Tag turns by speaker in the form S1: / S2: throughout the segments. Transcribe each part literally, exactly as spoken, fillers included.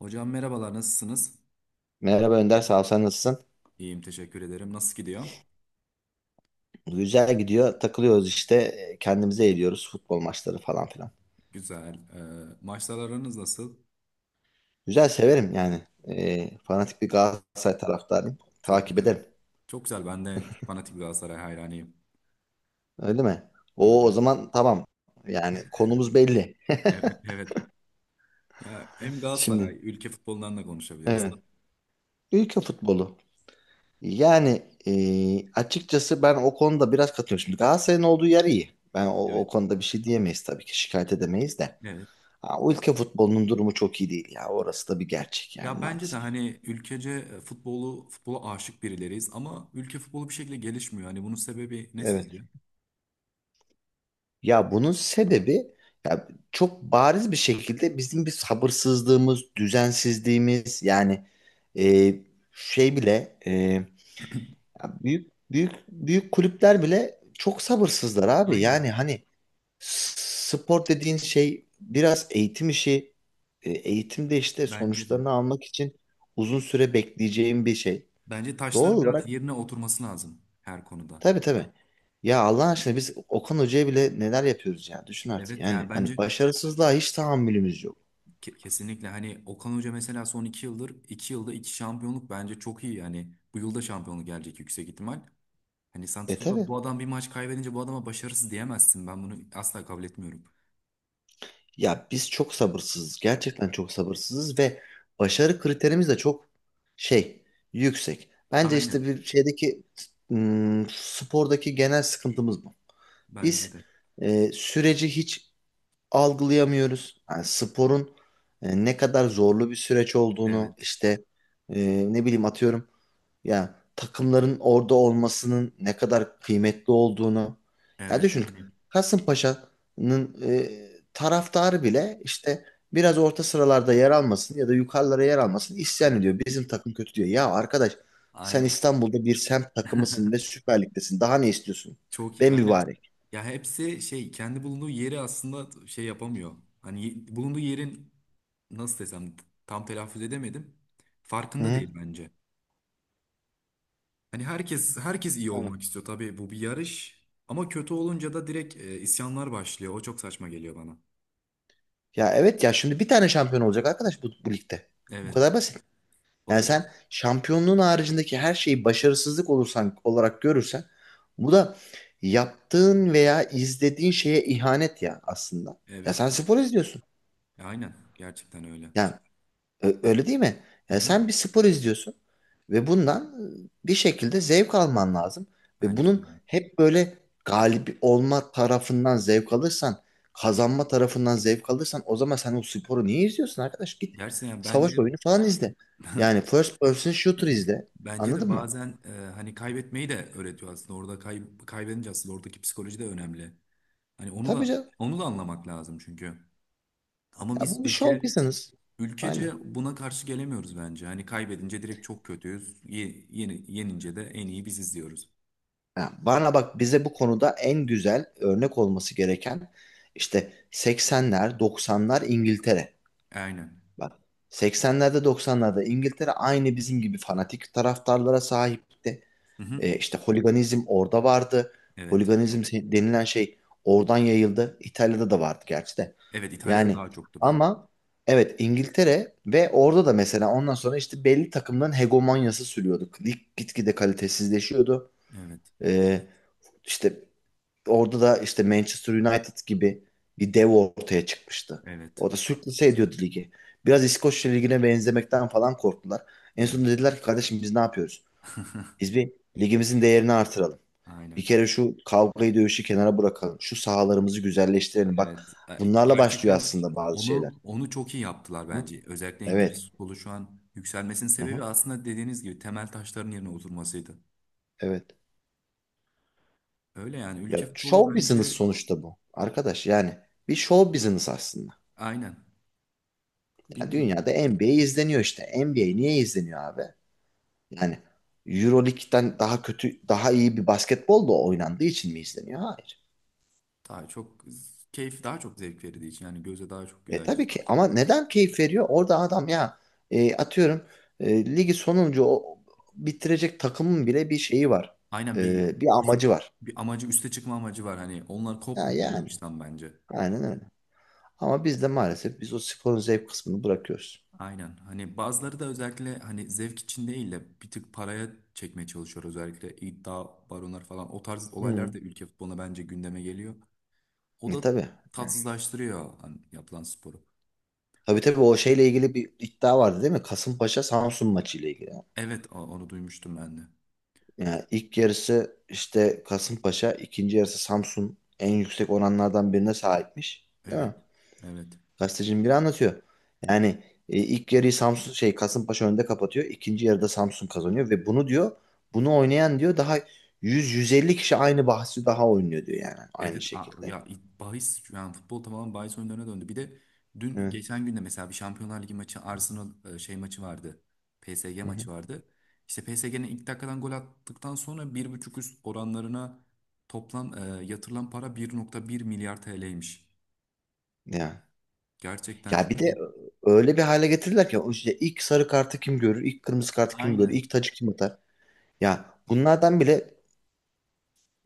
S1: Hocam merhabalar, nasılsınız?
S2: Merhaba Önder, sağ ol, sen nasılsın?
S1: İyiyim, teşekkür ederim. Nasıl gidiyor?
S2: Güzel gidiyor, takılıyoruz işte, e, kendimize eğliyoruz, futbol maçları falan filan.
S1: Güzel. Ee, maçlar aranız nasıl?
S2: Güzel, severim yani. E, fanatik bir Galatasaray taraftarıyım,
S1: Çok
S2: takip
S1: güzel.
S2: ederim.
S1: Çok güzel. Ben de fanatik Galatasaray hayranıyım.
S2: Öyle mi?
S1: Öyle.
S2: O o zaman tamam, yani konumuz belli.
S1: Evet. Evet. Ya hem
S2: Şimdi,
S1: Galatasaray, ülke futbolundan da konuşabiliriz.
S2: evet. Ülke futbolu. Yani e, açıkçası ben o konuda biraz katılıyorum. Şimdi Galatasaray'ın olduğu yer iyi. Ben o, o
S1: Evet.
S2: konuda bir şey diyemeyiz tabii ki, şikayet edemeyiz de.
S1: Evet.
S2: Ha, o ülke futbolunun durumu çok iyi değil ya, orası da bir gerçek yani
S1: Ya bence de
S2: maalesef.
S1: hani ülkece e, futbolu, futbola aşık birileriyiz ama ülke futbolu bir şekilde gelişmiyor. Hani bunun sebebi ne
S2: Evet.
S1: sizce?
S2: Ya bunun sebebi, ya çok bariz bir şekilde bizim bir sabırsızlığımız, düzensizliğimiz yani, e, şey bile, e, ya, büyük büyük büyük kulüpler bile çok sabırsızlar abi. Yani
S1: Aynen.
S2: hani s- spor dediğin şey biraz eğitim işi. E, eğitimde işte
S1: Bence de.
S2: sonuçlarını almak için uzun süre bekleyeceğim bir şey.
S1: Bence
S2: Doğal
S1: taşların biraz
S2: olarak.
S1: yerine oturması lazım her konuda.
S2: Tabii tabii. Ya Allah aşkına, biz Okan Hoca'ya bile neler yapıyoruz ya. Düşün artık
S1: Evet, yani
S2: yani. Hani
S1: bence.
S2: başarısızlığa hiç tahammülümüz yok.
S1: Ke- Kesinlikle, hani Okan Hoca mesela son iki yıldır iki yılda iki şampiyonluk bence çok iyi, yani bu yılda şampiyonluk gelecek yüksek ihtimal. Hani sen
S2: E
S1: tutup da
S2: tabii.
S1: bu adam bir maç kaybedince bu adama başarısız diyemezsin, ben bunu asla kabul etmiyorum.
S2: Ya biz çok sabırsızız. Gerçekten çok sabırsızız ve başarı kriterimiz de çok şey yüksek. Bence işte
S1: Aynen,
S2: bir şeydeki ım, spordaki genel sıkıntımız bu.
S1: bence
S2: Biz
S1: de.
S2: e, süreci hiç algılayamıyoruz. Yani sporun e, ne kadar zorlu bir süreç
S1: Evet,
S2: olduğunu işte, e, ne bileyim, atıyorum. Ya takımların orada olmasının ne kadar kıymetli olduğunu. Ya
S1: evet,
S2: düşün,
S1: hani
S2: Kasımpaşa'nın e, taraftarı bile işte biraz orta sıralarda yer almasın ya da yukarılara yer almasın isyan
S1: evet,
S2: ediyor. Bizim takım kötü diyor. Ya arkadaş, sen
S1: aynen.
S2: İstanbul'da bir semt takımısın ve Süper Lig'desin. Daha ne istiyorsun?
S1: Çok iyi,
S2: Ben
S1: aynen.
S2: mübarek.
S1: Ya hepsi şey, kendi bulunduğu yeri aslında şey yapamıyor. Hani ye- bulunduğu yerin nasıl desem, tam telaffuz edemedim,
S2: Hı
S1: farkında
S2: hı.
S1: değil bence. Hani herkes herkes iyi
S2: Aynen.
S1: olmak istiyor tabii, bu bir yarış, ama kötü olunca da direkt e, isyanlar başlıyor. O çok saçma geliyor bana.
S2: Ya evet, ya şimdi bir tane şampiyon olacak arkadaş bu, bu ligde. Bu
S1: Evet.
S2: kadar basit.
S1: O
S2: Yani
S1: da
S2: sen şampiyonluğun haricindeki her şeyi başarısızlık olursan olarak görürsen, bu da yaptığın veya izlediğin şeye ihanet ya aslında. Ya
S1: evet.
S2: sen spor izliyorsun.
S1: E, aynen, gerçekten öyle.
S2: Yani, Ö- öyle değil mi?
S1: Hı
S2: Yani
S1: hı.
S2: sen bir spor izliyorsun ve bundan bir şekilde zevk alman lazım. Ve
S1: Bence de
S2: bunun
S1: öyle.
S2: hep böyle galip olma tarafından zevk alırsan, kazanma tarafından zevk alırsan, o zaman sen o sporu niye izliyorsun arkadaş? Git
S1: Gerçekten, yani bence
S2: savaş oyunu falan izle. Yani first person shooter izle.
S1: bence de
S2: Anladın mı?
S1: bazen e, hani kaybetmeyi de öğretiyor aslında. Orada kay, kaybedince aslında oradaki psikoloji de önemli. Hani onu da
S2: Tabii canım.
S1: onu da anlamak lazım çünkü. Ama
S2: Ya
S1: biz
S2: bu bir show
S1: ülke
S2: business. Aynen.
S1: ülkece buna karşı gelemiyoruz bence. Hani kaybedince direkt çok kötüyüz. Ye, yeni, yenince de en iyi biziz diyoruz.
S2: Ya bana bak, bize bu konuda en güzel örnek olması gereken işte seksenler, doksanlar İngiltere.
S1: Aynen.
S2: Bak, seksenlerde doksanlarda İngiltere aynı bizim gibi fanatik taraftarlara sahipti.
S1: Hı hı.
S2: E, işte holiganizm orada vardı.
S1: Evet.
S2: Holiganizm se- denilen şey oradan yayıldı. İtalya'da da vardı gerçi de.
S1: Evet, İtalya'da
S2: Yani,
S1: daha çoktu bence.
S2: ama evet, İngiltere. Ve orada da mesela ondan sonra işte belli takımların hegemonyası sürüyordu. Lig gitgide kalitesizleşiyordu.
S1: Evet.
S2: E, işte Orada da işte Manchester United gibi bir dev ortaya çıkmıştı.
S1: Evet.
S2: Orada sürklase ediyordu ligi. Biraz İskoçya ligine benzemekten falan korktular. En
S1: Evet.
S2: sonunda dediler ki, kardeşim biz ne yapıyoruz? Biz bir, ligimizin değerini artıralım.
S1: Aynen.
S2: Bir kere şu kavgayı dövüşü kenara bırakalım. Şu sahalarımızı güzelleştirelim. Bak,
S1: Evet. E,
S2: bunlarla başlıyor
S1: Gerçekten
S2: aslında bazı şeyler.
S1: onu onu çok iyi yaptılar
S2: Hı?
S1: bence. Özellikle
S2: Evet.
S1: İngiliz futbolu şu an yükselmesinin
S2: Hı hı.
S1: sebebi aslında, dediğiniz gibi, temel taşların yerine oturmasıydı.
S2: Evet.
S1: Öyle yani, ülke
S2: Ya
S1: futbolu
S2: show business
S1: bence
S2: sonuçta bu. Arkadaş yani, bir show business aslında.
S1: aynen.
S2: Ya
S1: Bilmiyorum.
S2: dünyada N B A izleniyor işte. N B A niye izleniyor abi? Yani Euroleague'den daha kötü, daha iyi bir basketbol da oynandığı için mi izleniyor? Hayır.
S1: Daha çok keyif, daha çok zevk verdiği için yani, göze daha çok
S2: E
S1: güzel
S2: tabii
S1: geliyor.
S2: ki ama neden keyif veriyor? Orada adam ya, e, atıyorum, e, ligi sonuncu o, bitirecek takımın bile bir şeyi var.
S1: Aynen, bir
S2: E, bir amacı var.
S1: bir amacı, üste çıkma amacı var, hani onlar
S2: Ha,
S1: kopmuyor
S2: yani
S1: yarıştan bence.
S2: aynen öyle. Ama biz de maalesef biz o sporun zevk kısmını bırakıyoruz.
S1: Aynen. Hani bazıları da özellikle hani zevk için değil de bir tık paraya çekmeye çalışıyor. Özellikle iddia baronlar falan. O tarz olaylar
S2: Hmm.
S1: da ülke futboluna bence gündeme geliyor. O
S2: E
S1: da
S2: tabii. Yani.
S1: tatsızlaştırıyor hani yapılan sporu.
S2: Tabii tabii, o şeyle ilgili bir iddia vardı değil mi? Kasımpaşa Samsun maçıyla ilgili.
S1: Evet, o- onu duymuştum ben de.
S2: Yani ilk yarısı işte Kasımpaşa, ikinci yarısı Samsun en yüksek oranlardan birine sahipmiş. Değil
S1: Evet.
S2: mi?
S1: Evet.
S2: Gazetecinin biri anlatıyor. Yani e, ilk yarıyı Samsun şey Kasımpaşa önde kapatıyor. İkinci yarıda Samsun kazanıyor ve bunu diyor, bunu oynayan diyor daha yüz yüz elli kişi aynı bahsi daha oynuyor diyor, yani aynı
S1: Evet. a-
S2: şekilde.
S1: ya it- bahis, yani futbol tamamen bahis oyunlarına döndü. Bir de dün,
S2: Evet.
S1: geçen günde, mesela bir Şampiyonlar Ligi maçı, Arsenal e, şey maçı vardı. P S G
S2: Hı hı.
S1: maçı vardı. İşte P S G'nin ilk dakikadan gol attıktan sonra bir buçuk üst oranlarına toplam e, yatırılan para bir nokta bir milyar T L'ymiş.
S2: Ya.
S1: Gerçekten
S2: Ya bir
S1: çok
S2: de
S1: büyük.
S2: öyle bir hale getirdiler ki, o işte ilk sarı kartı kim görür, ilk kırmızı kartı kim görür,
S1: Aynen.
S2: ilk tacı kim atar. Ya bunlardan bile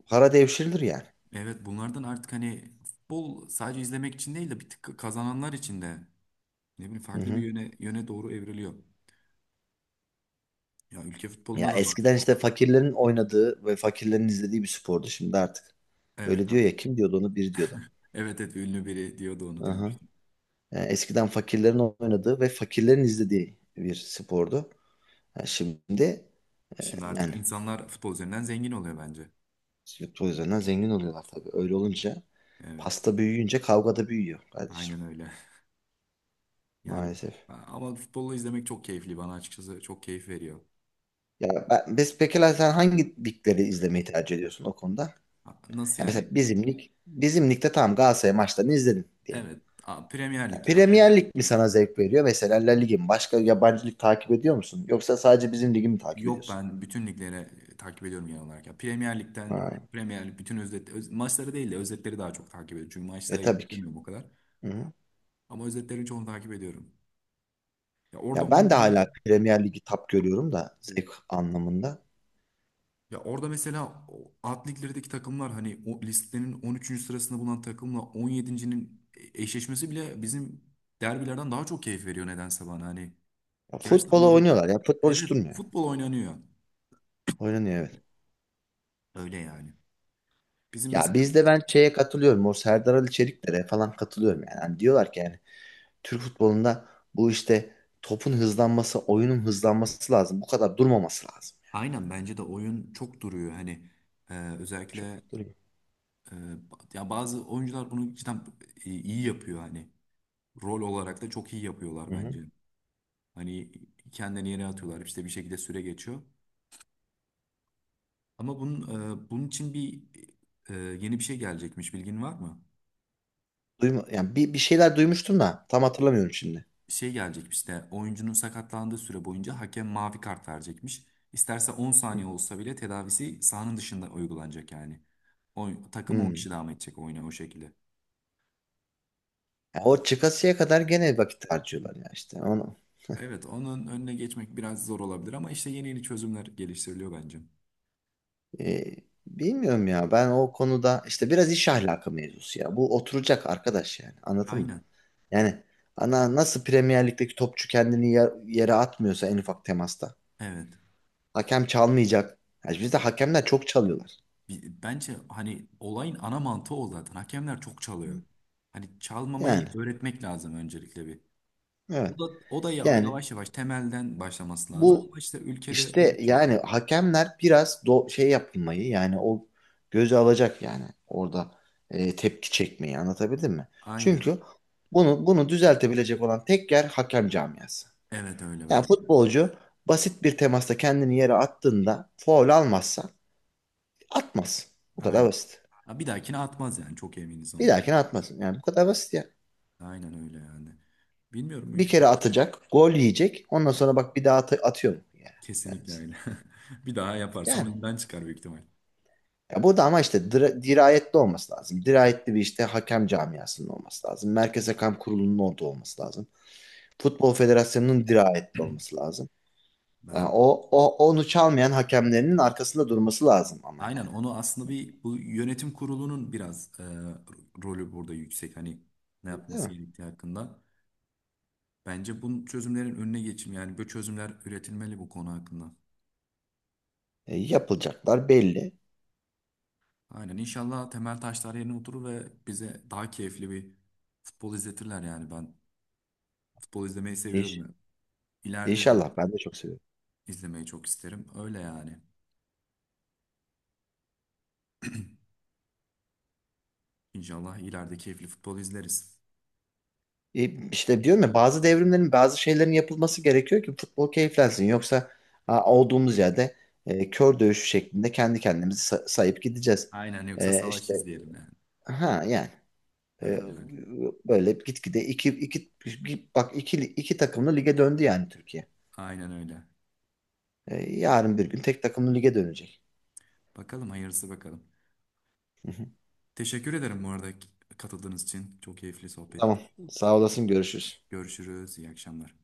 S2: para devşirilir yani.
S1: Evet, bunlardan artık hani futbol sadece izlemek için değil de bir tık kazananlar için de, ne bileyim,
S2: Hı
S1: farklı bir
S2: hı.
S1: yöne yöne doğru evriliyor. Ya ülke futbolunda
S2: Ya
S1: da var.
S2: eskiden işte fakirlerin oynadığı ve fakirlerin izlediği bir spordu, şimdi artık.
S1: Evet
S2: Öyle diyor
S1: abi.
S2: ya, kim diyordu onu, bir diyordu.
S1: Evet, evet, ünlü biri diyordu, onu
S2: Aha.
S1: duymuştum.
S2: Yani eskiden fakirlerin oynadığı ve fakirlerin izlediği bir spordu. Yani şimdi e,
S1: Şimdi artık
S2: yani
S1: insanlar futbol üzerinden zengin oluyor bence.
S2: futbol üzerinden zengin oluyorlar tabii. Öyle olunca,
S1: Evet,
S2: pasta büyüyünce kavga da büyüyor kardeşim,
S1: aynen öyle. Yani
S2: maalesef.
S1: ama futbolu izlemek çok keyifli bana, açıkçası çok keyif veriyor.
S2: Ya ben, biz, peki sen hangi ligleri izlemeyi tercih ediyorsun o konuda?
S1: Ha, nasıl
S2: Ya mesela
S1: yani?
S2: bizim lig, bizim ligde tamam, Galatasaray maçlarını izledin diyelim.
S1: Evet, a, Premier
S2: Ya,
S1: Lig ya.
S2: Premier Lig mi sana zevk veriyor? Mesela La Lig'i mi? Başka yabancı lig takip ediyor musun? Yoksa sadece bizim ligi mi takip
S1: Yok,
S2: ediyorsun?
S1: ben bütün liglere e, takip ediyorum genel olarak. Ya, Premier Lig'den
S2: Ha.
S1: Premier Lig bütün özet, öz- maçları değil de özetleri daha çok takip ediyorum. Çünkü maçlara
S2: E tabii ki.
S1: yetişemiyorum o kadar.
S2: Hı hı.
S1: Ama özetlerin çoğunu takip ediyorum. Ya orada
S2: Ya ben de
S1: oynanan.
S2: hala Premier Lig'i tap görüyorum da zevk anlamında.
S1: Ya orada mesela o alt liglerdeki takımlar, hani o listenin on üçüncü sırasında bulunan takımla on yedincinin.'nin eşleşmesi bile bizim derbilerden daha çok keyif veriyor nedense bana. Hani
S2: Ya,
S1: gerçekten
S2: futbola
S1: orada,
S2: oynuyorlar ya. Futbol hiç
S1: evet,
S2: durmuyor.
S1: futbol oynanıyor.
S2: Oynanıyor, evet.
S1: Öyle yani. Bizim
S2: Ya
S1: mesela,
S2: bizde ben şeye katılıyorum. O Serdar Ali Çelikler'e falan katılıyorum yani. Hani diyorlar ki, yani Türk futbolunda bu işte topun hızlanması, oyunun hızlanması lazım. Bu kadar durmaması lazım.
S1: aynen, bence de oyun çok duruyor. Hani e,
S2: Çok
S1: özellikle
S2: duruyor.
S1: e, ba- ya bazı oyuncular bunu cidden e, iyi yapıyor hani. Rol olarak da çok iyi yapıyorlar
S2: Hı
S1: bence.
S2: hı.
S1: Hani kendini yere atıyorlar, işte bir şekilde süre geçiyor. Ama bunun, e, bunun için bir e, yeni bir şey gelecekmiş, bilgin var mı?
S2: Duyma, yani bir, bir şeyler duymuştum da tam hatırlamıyorum şimdi.
S1: Şey gelecekmiş de, oyuncunun sakatlandığı süre boyunca hakem mavi kart verecekmiş. İsterse on saniye olsa bile tedavisi sahanın dışında uygulanacak yani. Oy- takım on
S2: Hmm.
S1: kişi devam edecek oyuna o şekilde.
S2: Ya o çıkasıya kadar gene vakit harcıyorlar ya işte. Onu,
S1: Evet, onun önüne geçmek biraz zor olabilir ama işte yeni yeni çözümler geliştiriliyor bence.
S2: e, bilmiyorum ya, ben o konuda işte biraz iş ahlakı mevzusu ya. Bu oturacak arkadaş, yani anladın mı?
S1: Aynen.
S2: Yani, ana nasıl Premier Lig'deki topçu kendini yer- yere atmıyorsa en ufak temasta.
S1: Evet.
S2: Hakem çalmayacak. Yani bizde hakemler çok çalıyorlar.
S1: Bi- Bence hani olayın ana mantığı o zaten. Hakemler çok çalıyor. Hani çalmamayı
S2: Yani,
S1: öğretmek lazım öncelikle bir.
S2: evet,
S1: O da o da ya-
S2: yani
S1: yavaş yavaş temelden başlaması lazım
S2: bu
S1: ama işte ülkede öyle
S2: işte,
S1: bir şey yok.
S2: yani hakemler biraz do şey yapmayı, yani o göze alacak, yani orada e, tepki çekmeyi, anlatabildim mi?
S1: Aynen.
S2: Çünkü bunu bunu düzeltebilecek olan tek yer hakem camiası.
S1: Evet öyle
S2: Yani
S1: ben.
S2: futbolcu basit bir temasta kendini yere attığında faul almazsa, atmaz. Bu kadar
S1: Aynen.
S2: basit.
S1: Ha, bir dahakine atmaz yani, çok eminiz
S2: Bir
S1: ondan.
S2: dahakine atmasın. Yani bu kadar basit ya.
S1: Aynen öyle yani. Bilmiyorum
S2: Bir
S1: ülke.
S2: kere atacak, gol yiyecek. Ondan sonra bak, bir daha at atıyor mu? Yani, yani,
S1: Kesinlikle öyle. Bir daha yaparsa
S2: yani.
S1: oyundan çıkar büyük ihtimal.
S2: Ya burada ama işte dira- dirayetli olması lazım. Dirayetli bir işte hakem camiasının olması lazım. Merkez Hakem Kurulu'nun orada olması lazım. Futbol Federasyonu'nun dirayetli olması lazım. Yani
S1: Ben
S2: o, o onu çalmayan hakemlerinin arkasında durması lazım ama yani.
S1: aynen, onu aslında, bir bu yönetim kurulunun biraz e, rolü burada yüksek. Hani ne
S2: Değil
S1: yapması
S2: mi?
S1: gerektiği hakkında. Bence bunun çözümlerin önüne geçim, yani böyle çözümler üretilmeli bu konu hakkında.
S2: E, yapılacaklar belli.
S1: Aynen, inşallah temel taşlar yerine oturur ve bize daha keyifli bir futbol izletirler yani. Ben futbol izlemeyi seviyorum
S2: İş,
S1: ya. İleride de
S2: inşallah ben de çok seviyorum.
S1: izlemeyi çok isterim. Öyle yani. İnşallah ileride keyifli futbol izleriz.
S2: E, işte diyorum ya, bazı devrimlerin, bazı şeylerin yapılması gerekiyor ki futbol keyiflensin. Yoksa ha, olduğumuz yerde e, kör dövüşü şeklinde kendi kendimizi sa- sayıp gideceğiz.
S1: Aynen, yoksa
S2: E,
S1: savaş
S2: işte
S1: izleyelim yani.
S2: ha yani. E,
S1: Öyle yani.
S2: Böyle gitgide iki, iki, bir- bak iki, iki takımlı lige döndü yani Türkiye.
S1: Aynen öyle.
S2: E, yarın bir gün tek takımlı lige dönecek.
S1: Bakalım hayırlısı, bakalım.
S2: Hı hı.
S1: Teşekkür ederim bu arada katıldığınız için. Çok keyifli sohbet.
S2: Tamam. Sağ olasın. Görüşürüz.
S1: Görüşürüz. İyi akşamlar.